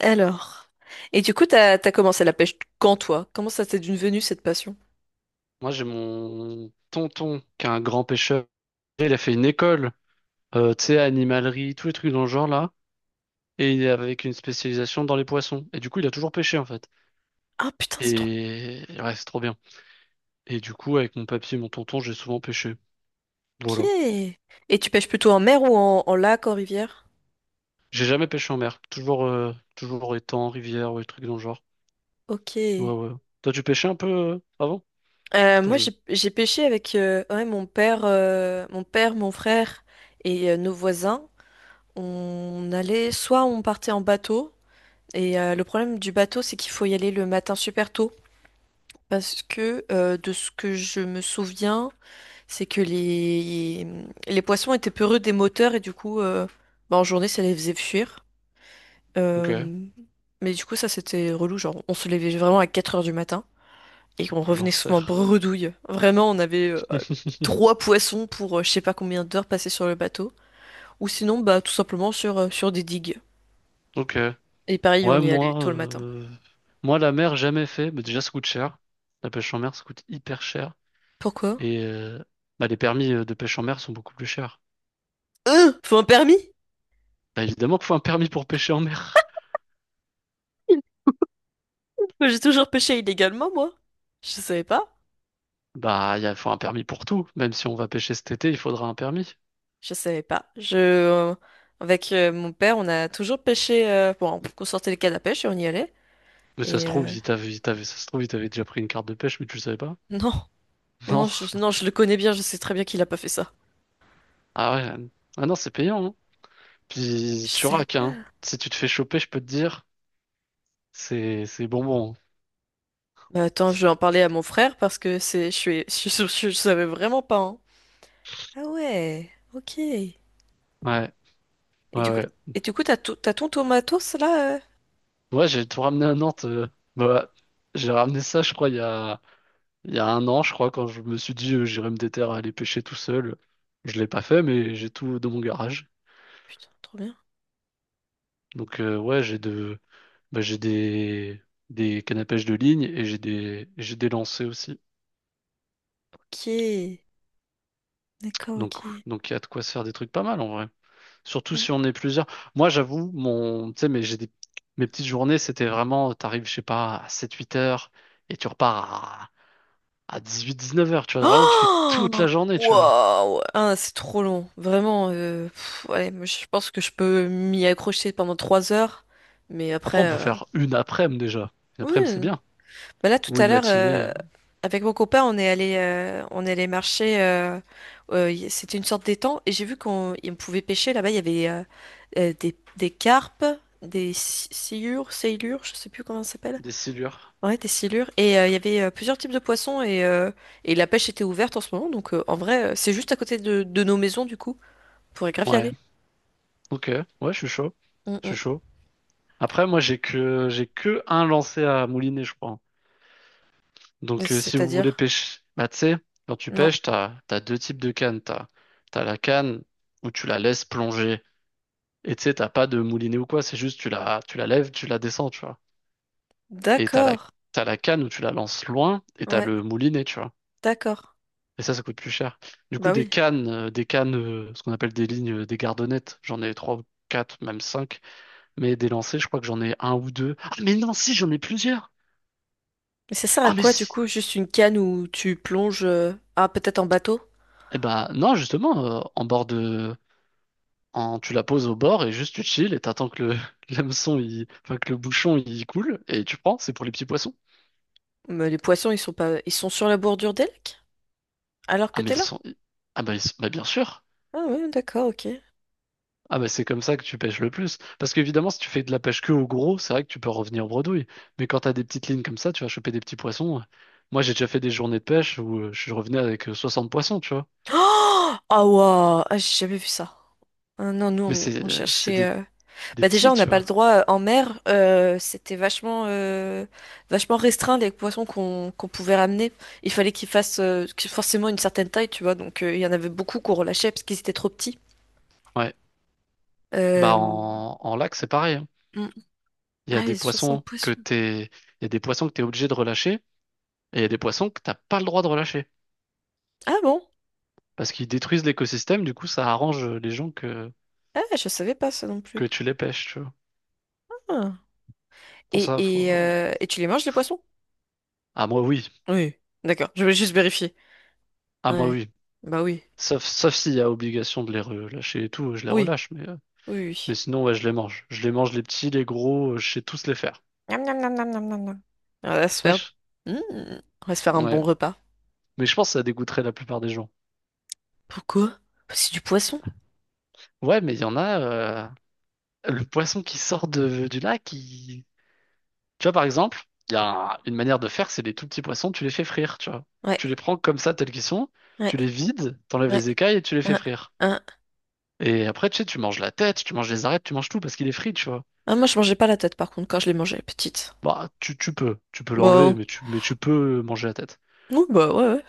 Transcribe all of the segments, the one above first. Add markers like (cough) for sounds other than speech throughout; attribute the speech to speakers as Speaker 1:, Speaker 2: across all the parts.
Speaker 1: Alors. Et du coup, t'as commencé la pêche quand, toi? Comment ça t'est devenu cette passion?
Speaker 2: Moi, j'ai mon tonton qui est un grand pêcheur. Il a fait une école, tu sais, animalerie, tous les trucs dans le genre là. Et il est avec une spécialisation dans les poissons. Et du coup, il a toujours pêché en fait.
Speaker 1: Ah putain, c'est trop...
Speaker 2: Et ouais, c'est trop bien. Et du coup, avec mon papy et mon tonton, j'ai souvent pêché.
Speaker 1: Ok.
Speaker 2: Voilà.
Speaker 1: Et tu pêches plutôt en mer ou en lac, en rivière?
Speaker 2: J'ai jamais pêché en mer. Toujours étang, rivière ou des trucs dans le genre.
Speaker 1: Ok.
Speaker 2: Ouais, ouais. Toi, tu pêchais un peu avant? Attends,
Speaker 1: Moi,
Speaker 2: je-
Speaker 1: j'ai pêché avec ouais, mon père, mon frère et nos voisins. On allait, soit on partait en bateau, et le problème du bateau, c'est qu'il faut y aller le matin super tôt, parce que de ce que je me souviens, c'est que les poissons étaient peureux des moteurs et du coup, bah, en journée, ça les faisait fuir.
Speaker 2: Ok.
Speaker 1: Euh, Mais du coup, ça, c'était relou. Genre, on se levait vraiment à 4 heures du matin et on revenait souvent
Speaker 2: L'enfer.
Speaker 1: bredouille. Vraiment, on avait
Speaker 2: (laughs)
Speaker 1: trois poissons pour je sais pas combien d'heures passées sur le bateau. Ou sinon, bah, tout simplement sur des digues.
Speaker 2: Ok.
Speaker 1: Et pareil,
Speaker 2: Ouais,
Speaker 1: on y allait
Speaker 2: moi,
Speaker 1: tôt le matin.
Speaker 2: euh, moi la mer, jamais fait. Mais déjà, ça coûte cher. La pêche en mer, ça coûte hyper cher.
Speaker 1: Pourquoi?
Speaker 2: Et bah, les permis de pêche en mer sont beaucoup plus chers.
Speaker 1: Faut un permis?
Speaker 2: Bah, évidemment qu'il faut un permis pour pêcher en mer. (laughs)
Speaker 1: Moi, j'ai toujours pêché illégalement, moi. Je savais pas.
Speaker 2: Bah, il faut un permis pour tout. Même si on va pêcher cet été, il faudra un permis.
Speaker 1: Je savais pas. Avec mon père, on a toujours pêché. Bon, on sortait les cannes à pêche et on y allait.
Speaker 2: Mais ça se
Speaker 1: Et
Speaker 2: trouve,
Speaker 1: euh,
Speaker 2: il t'avait déjà pris une carte de pêche, mais tu le savais pas.
Speaker 1: (laughs) non,
Speaker 2: (laughs)
Speaker 1: non, non,
Speaker 2: Non.
Speaker 1: non, je le connais bien. Je sais très bien qu'il a pas fait ça.
Speaker 2: Ah ouais. Ah non, c'est payant, hein. Puis
Speaker 1: Je
Speaker 2: tu
Speaker 1: savais
Speaker 2: raques, hein.
Speaker 1: pas.
Speaker 2: Si tu te fais choper, je peux te dire, c'est bonbon.
Speaker 1: Bah, attends, je vais en parler à mon frère parce que (laughs) je savais vraiment pas. Hein. Ah ouais, ok. Et
Speaker 2: Ouais. Ouais,
Speaker 1: du coup,
Speaker 2: ouais.
Speaker 1: du coup, t'as ton tomatos là.
Speaker 2: Ouais, j'ai tout ramené à Nantes. Bah, j'ai ramené ça, je crois, il y a 1 an, je crois, quand je me suis dit j'irais me déterrer à aller pêcher tout seul. Je l'ai pas fait, mais j'ai tout dans mon garage.
Speaker 1: Putain, trop bien.
Speaker 2: Donc ouais, bah, j'ai des cannes à pêche de ligne et j'ai des lancers aussi.
Speaker 1: Ok, d'accord,
Speaker 2: Donc
Speaker 1: ok.
Speaker 2: donc il y a de quoi se faire des trucs pas mal en vrai. Surtout si on est plusieurs. Moi, j'avoue, tu sais, mais mes petites journées, c'était vraiment, t'arrives, je sais pas, à 7-8 heures et tu repars à 18-19 heures, tu vois. Vraiment, tu fais toute
Speaker 1: Oh,
Speaker 2: la journée, tu vois.
Speaker 1: waouh! Ah, c'est trop long. Vraiment. Pff, ouais, moi, je pense que je peux m'y accrocher pendant 3 heures. Mais
Speaker 2: Après, on
Speaker 1: après.
Speaker 2: peut faire une après-midi déjà. Une après-midi, c'est
Speaker 1: Oui.
Speaker 2: bien.
Speaker 1: Bah là, tout
Speaker 2: Ou
Speaker 1: à
Speaker 2: une
Speaker 1: l'heure,
Speaker 2: matinée,
Speaker 1: avec mon copain, on est allé marcher. C'était une sorte d'étang. Et j'ai vu on pouvait pêcher. Là-bas, il y avait des carpes, des sciures, sailures, je sais plus comment ça s'appelle.
Speaker 2: des silures.
Speaker 1: Ouais, des silures. Et il y avait plusieurs types de poissons et la pêche était ouverte en ce moment. Donc en vrai, c'est juste à côté de nos maisons du coup. On pourrait grave y
Speaker 2: Ouais,
Speaker 1: aller.
Speaker 2: ok, ouais, je suis chaud.
Speaker 1: Mm,
Speaker 2: Je suis
Speaker 1: mm.
Speaker 2: chaud. Après, moi, j'ai que un lancé à mouliner, je crois. Donc, si vous voulez
Speaker 1: C'est-à-dire?
Speaker 2: pêcher, bah, tu sais, quand tu
Speaker 1: Non.
Speaker 2: pêches, t'as deux types de cannes. T'as la canne où tu la laisses plonger. Et tu sais, t'as pas de moulinet ou quoi, c'est juste tu la lèves, tu la descends, tu vois. Et t'as la,
Speaker 1: D'accord.
Speaker 2: t'as la canne où tu la lances loin et t'as
Speaker 1: Ouais,
Speaker 2: le moulinet, tu vois.
Speaker 1: d'accord.
Speaker 2: Et ça coûte plus cher. Du coup,
Speaker 1: Bah
Speaker 2: des
Speaker 1: oui.
Speaker 2: cannes, euh, des cannes, ce qu'on appelle des lignes, des gardonnettes, j'en ai trois ou quatre, même cinq. Mais des lancers, je crois que j'en ai un ou deux. Ah, mais non, si, j'en ai plusieurs.
Speaker 1: Mais ça sert à
Speaker 2: Ah, mais
Speaker 1: quoi du
Speaker 2: si.
Speaker 1: coup? Juste une canne où tu plonges. Ah, peut-être en bateau?
Speaker 2: Eh ben, non, justement, en bord de, en, tu la poses au bord et juste tu chill et t'attends (laughs) l'hameçon, il, enfin, que le bouchon, il coule et tu prends. C'est pour les petits poissons.
Speaker 1: Mais les poissons, ils sont pas... Ils sont sur la bordure des lacs? Alors
Speaker 2: Ah,
Speaker 1: que
Speaker 2: mais
Speaker 1: t'es
Speaker 2: ils
Speaker 1: là?
Speaker 2: sont, ah, bah, ils- bah, bien sûr.
Speaker 1: Ah ouais, d'accord, ok.
Speaker 2: Ah bah c'est comme ça que tu pêches le plus. Parce qu'évidemment, si tu fais de la pêche que au gros, c'est vrai que tu peux revenir bredouille. Mais quand t'as des petites lignes comme ça, tu vas choper des petits poissons. Moi, j'ai déjà fait des journées de pêche où je revenais avec 60 poissons, tu vois.
Speaker 1: Oh! Ah, waouh! Ah, j'ai jamais vu ça. Ah non, nous,
Speaker 2: Mais
Speaker 1: on,
Speaker 2: c'est
Speaker 1: on
Speaker 2: euh, c'est
Speaker 1: cherchait...
Speaker 2: des,
Speaker 1: euh,
Speaker 2: des
Speaker 1: Bah déjà,
Speaker 2: petits,
Speaker 1: on n'a
Speaker 2: tu
Speaker 1: pas le
Speaker 2: vois.
Speaker 1: droit en mer. C'était vachement restreint les poissons qu'on pouvait ramener. Il fallait qu'ils fassent forcément une certaine taille, tu vois. Donc il y en avait beaucoup qu'on relâchait parce qu'ils étaient trop petits.
Speaker 2: Ouais. Bah
Speaker 1: Euh...
Speaker 2: en lac, c'est pareil, hein.
Speaker 1: mm.
Speaker 2: Il y a
Speaker 1: Ah, les
Speaker 2: des
Speaker 1: 60
Speaker 2: poissons que
Speaker 1: poissons.
Speaker 2: t'es, il y a des poissons que t'es obligé de relâcher et il y a des poissons que t'as pas le droit de relâcher.
Speaker 1: Ah bon?
Speaker 2: Parce qu'ils détruisent l'écosystème, du coup, ça arrange les gens que,
Speaker 1: Ah, je savais pas ça non plus.
Speaker 2: que tu les pêches, tu vois.
Speaker 1: Ah.
Speaker 2: Pour ça,
Speaker 1: Et, et,
Speaker 2: faut.
Speaker 1: euh, et tu les manges les poissons?
Speaker 2: Ah moi oui.
Speaker 1: Oui. D'accord. Je voulais juste vérifier.
Speaker 2: Ah moi
Speaker 1: Ouais.
Speaker 2: oui.
Speaker 1: Bah oui.
Speaker 2: Sauf s'il y a obligation de les relâcher et tout, je les
Speaker 1: Oui.
Speaker 2: relâche, mais, euh,
Speaker 1: Oui.
Speaker 2: mais
Speaker 1: Oui.
Speaker 2: sinon, ouais, je les mange. Je les mange, les petits, les gros, je sais tous les faire.
Speaker 1: Miam, miam, miam, miam, miam, miam, miam. On va se faire...
Speaker 2: Wesh.
Speaker 1: Mm. On va se faire un
Speaker 2: Ouais.
Speaker 1: bon repas.
Speaker 2: Mais je pense que ça dégoûterait la plupart des gens.
Speaker 1: Pourquoi? C'est du poisson.
Speaker 2: Ouais, mais il y en a, le poisson qui sort du lac, tu vois, par exemple, il y a une manière de faire, c'est les tout petits poissons, tu les fais frire, tu vois.
Speaker 1: Ouais,
Speaker 2: Tu les prends comme ça, tels qu'ils sont,
Speaker 1: ouais,
Speaker 2: tu les vides, t'enlèves
Speaker 1: ouais.
Speaker 2: les écailles et tu les fais
Speaker 1: Hein,
Speaker 2: frire.
Speaker 1: hein.
Speaker 2: Et après, tu sais, tu manges la tête, tu manges les arêtes, tu manges tout parce qu'il est frit, tu vois.
Speaker 1: Ah, moi, je mangeais pas la tête, par contre, quand je les mangeais petite.
Speaker 2: Bah, tu peux l'enlever,
Speaker 1: Bon,
Speaker 2: mais tu peux manger la tête.
Speaker 1: oui, bah ouais, ouais.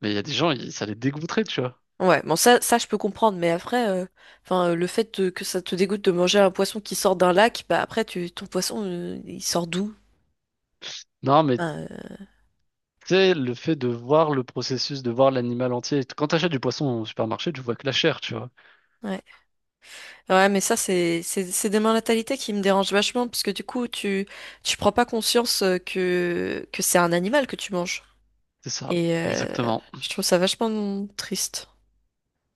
Speaker 2: Mais il y a des gens, ça les dégoûterait, tu vois.
Speaker 1: Ouais, bon, ça, je peux comprendre, mais après, enfin, que ça te dégoûte de manger un poisson qui sort d'un lac, bah après, ton poisson, il sort d'où?
Speaker 2: Non, mais tu
Speaker 1: Enfin,
Speaker 2: sais, le fait de voir le processus, de voir l'animal entier. Quand t'achètes du poisson au supermarché, tu vois que la chair, tu vois.
Speaker 1: ouais. Ouais, mais ça, c'est des mentalités qui me dérangent vachement, parce que du coup, tu prends pas conscience que c'est un animal que tu manges.
Speaker 2: C'est ça,
Speaker 1: Et
Speaker 2: exactement.
Speaker 1: je trouve ça vachement triste.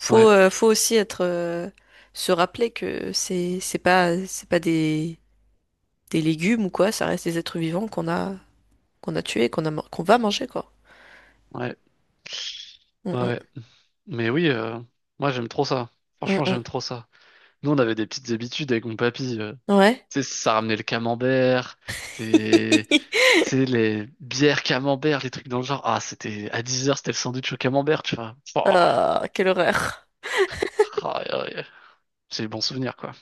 Speaker 1: Faut,
Speaker 2: Ouais,
Speaker 1: euh, faut aussi être, se rappeler que c'est pas des légumes ou quoi, ça reste des êtres vivants qu'on a tués, qu'on va manger, quoi.
Speaker 2: ouais, ouais,
Speaker 1: Mm,
Speaker 2: ouais. Mais oui, moi j'aime trop ça.
Speaker 1: mm,
Speaker 2: Franchement,
Speaker 1: mm,
Speaker 2: j'aime trop ça. Nous, on avait des petites habitudes avec mon papy.
Speaker 1: mm. Ouais.
Speaker 2: Tu sais, ça ramenait le camembert, les,
Speaker 1: (laughs)
Speaker 2: tu sais, les bières camembert, les trucs dans le genre. Ah, c'était à 10 heures, c'était le sandwich au camembert, tu vois. Oh,
Speaker 1: Ah, quelle horreur.
Speaker 2: aïe, aïe. C'est les bons souvenirs, quoi.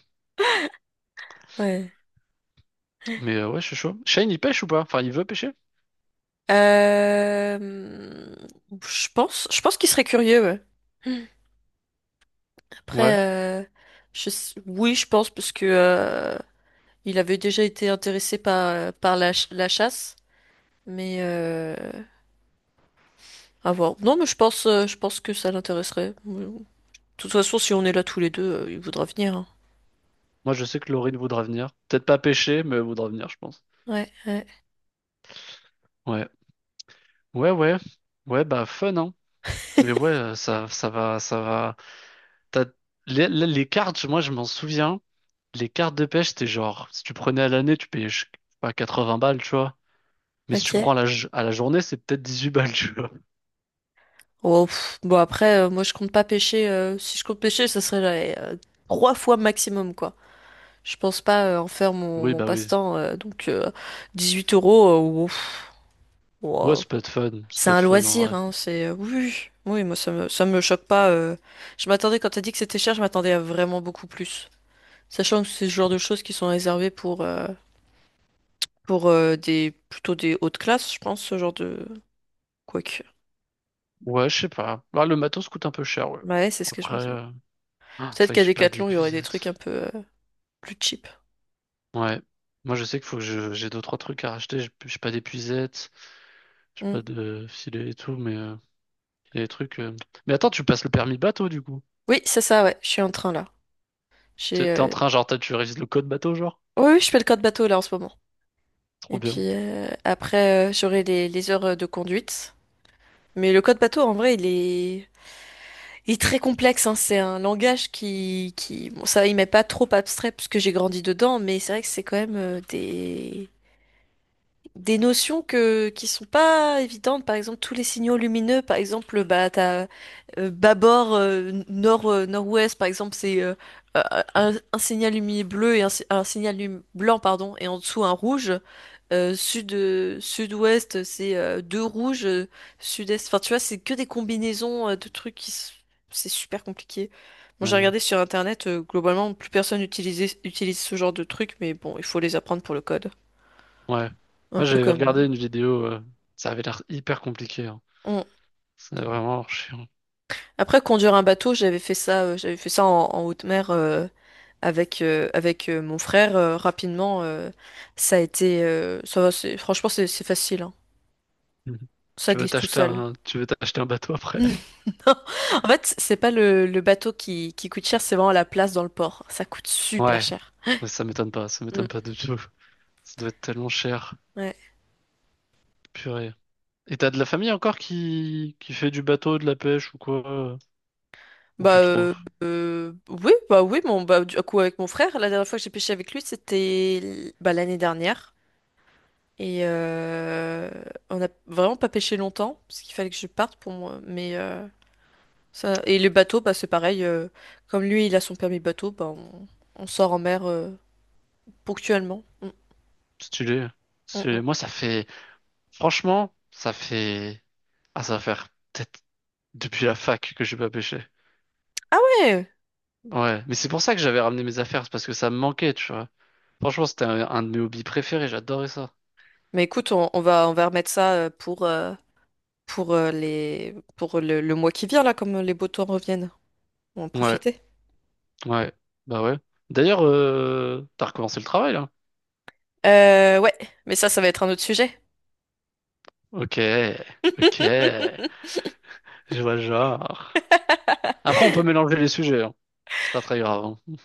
Speaker 1: Ouais.
Speaker 2: Mais ouais, je suis chaud. Shane, il pêche ou pas? Enfin, il veut pêcher?
Speaker 1: Euh, je pense qu'il serait curieux, ouais. Après,
Speaker 2: Ouais.
Speaker 1: euh, oui, je pense parce que il avait déjà été intéressé par la chasse, mais à voir. Non, mais je pense que ça l'intéresserait. De toute façon, si on est là tous les deux, il voudra venir. Hein.
Speaker 2: Moi, je sais que Laurine voudra venir. Peut-être pas pêcher, mais elle voudra venir, je pense.
Speaker 1: Ouais, ouais.
Speaker 2: Ouais. Ouais, ouais. Ouais, bah, fun, hein. Mais
Speaker 1: (laughs)
Speaker 2: ouais, ça, ça va, ça va. T'as. Les cartes, moi, je m'en souviens. Les cartes de pêche, c'était genre, si tu prenais à l'année, tu payais, je sais pas, 80 balles, tu vois. Mais si
Speaker 1: Ok.
Speaker 2: tu prends à la journée, c'est peut-être 18 balles, tu vois.
Speaker 1: Oh, pff, bon, après, moi, je compte pas pêcher. Si je compte pêcher, ça serait là, trois fois maximum, quoi. Je pense pas en faire mon,
Speaker 2: Oui,
Speaker 1: mon
Speaker 2: bah oui.
Speaker 1: passe-temps. Donc, 18 euros, pff,
Speaker 2: Ouais,
Speaker 1: ouah.
Speaker 2: ça peut être fun. Ça
Speaker 1: C'est
Speaker 2: peut être
Speaker 1: un
Speaker 2: fun, en
Speaker 1: loisir,
Speaker 2: vrai.
Speaker 1: hein. Oui, oui, oui, moi, ça me choque pas. Je m'attendais, quand t'as dit que c'était cher, je m'attendais à vraiment beaucoup plus. Sachant que c'est ce genre de choses qui sont réservées pour des plutôt des hautes classes, je pense, ce genre de. Quoique.
Speaker 2: Ouais, je sais pas. Ah, le matos coûte un peu cher, ouais.
Speaker 1: Bah ouais, c'est ce que je
Speaker 2: Après,
Speaker 1: me dis.
Speaker 2: ah, c'est
Speaker 1: Peut-être
Speaker 2: vrai que
Speaker 1: qu'à
Speaker 2: j'ai pas
Speaker 1: Decathlon, il y aurait des trucs un
Speaker 2: d'épuisette.
Speaker 1: peu plus cheap.
Speaker 2: Ouais. Moi, je sais qu'il faut j'ai deux, trois trucs à racheter. J'ai pas d'épuisette, j'ai pas
Speaker 1: Mm.
Speaker 2: de filet et tout, mais il y a des trucs. Mais attends, tu passes le permis bateau du coup.
Speaker 1: Oui, c'est ça, ouais. Je suis en train là.
Speaker 2: T'es
Speaker 1: J'ai.
Speaker 2: t'es en train, genre, tu révises le code bateau, genre?
Speaker 1: Oui, oui, je fais le code bateau là en ce moment.
Speaker 2: Trop
Speaker 1: Et puis
Speaker 2: bien.
Speaker 1: après, j'aurai les heures de conduite. Mais le code bateau, en vrai, il est très complexe. Hein. C'est un langage qui, bon, ça, il m'est pas trop abstrait puisque j'ai grandi dedans, mais c'est vrai que c'est quand même des notions que qui sont pas évidentes. Par exemple, tous les signaux lumineux. Par exemple, bah t'as bâbord nord nord-ouest. Par exemple, c'est euh, un signal lumineux bleu et un, si- un signal blanc pardon et en dessous un rouge. Sud-ouest c'est deux rouges. Sud-est. Enfin, tu vois, c'est que des combinaisons de trucs c'est super compliqué. Bon, j'ai
Speaker 2: Ouais.
Speaker 1: regardé sur internet. Globalement, plus personne utilise ce genre de trucs, mais bon, il faut les apprendre pour le code.
Speaker 2: Ouais.
Speaker 1: Un
Speaker 2: Moi,
Speaker 1: peu
Speaker 2: j'avais
Speaker 1: comme.
Speaker 2: regardé une vidéo, ça avait l'air hyper compliqué. Hein. C'est vraiment chiant. (laughs)
Speaker 1: Après, conduire un bateau, j'avais fait ça en haute mer avec mon frère rapidement. Ça va, franchement, c'est facile. Hein.
Speaker 2: Mhm.
Speaker 1: Ça
Speaker 2: Tu veux
Speaker 1: glisse tout
Speaker 2: t'acheter
Speaker 1: seul.
Speaker 2: un, tu veux t'acheter un bateau
Speaker 1: (laughs)
Speaker 2: après?
Speaker 1: Non. En fait, c'est pas le bateau qui coûte cher, c'est vraiment la place dans le port. Ça coûte super
Speaker 2: Ouais.
Speaker 1: cher.
Speaker 2: Ouais, ça m'étonne pas, ça
Speaker 1: Mm.
Speaker 2: m'étonne pas du tout. Ça doit être tellement cher.
Speaker 1: Ouais.
Speaker 2: Purée. Et t'as de la famille encore qui fait du bateau, de la pêche ou quoi? Ou
Speaker 1: Bah
Speaker 2: plus trop.
Speaker 1: euh, euh, oui, bah oui, mon bah du coup avec mon frère, la dernière fois que j'ai pêché avec lui, c'était bah, l'année dernière. Et on n'a vraiment pas pêché longtemps, parce qu'il fallait que je parte pour moi. Mais ça... Et le bateau, bah, c'est pareil. Comme lui, il a son permis bateau, bah, on sort en mer ponctuellement. Mm,
Speaker 2: Stylé.
Speaker 1: mm, mm.
Speaker 2: Moi, ça fait. Franchement, ça fait. Ah, ça va faire peut-être depuis la fac que j'ai pas pêché.
Speaker 1: Ah ouais!
Speaker 2: Ouais. Mais c'est pour ça que j'avais ramené mes affaires. C'est parce que ça me manquait, tu vois. Franchement, c'était un de mes hobbies préférés. J'adorais ça.
Speaker 1: Mais écoute, on va remettre ça pour le mois qui vient, là, comme les beaux temps reviennent. On va en
Speaker 2: Ouais.
Speaker 1: profiter.
Speaker 2: Ouais. Bah ouais. D'ailleurs, t'as recommencé le travail, là?
Speaker 1: Ouais, mais ça va être un autre sujet.
Speaker 2: Ok. Ok.
Speaker 1: (laughs)
Speaker 2: Je vois le genre. Après, on peut mélanger les sujets, hein. C'est pas très grave, hein.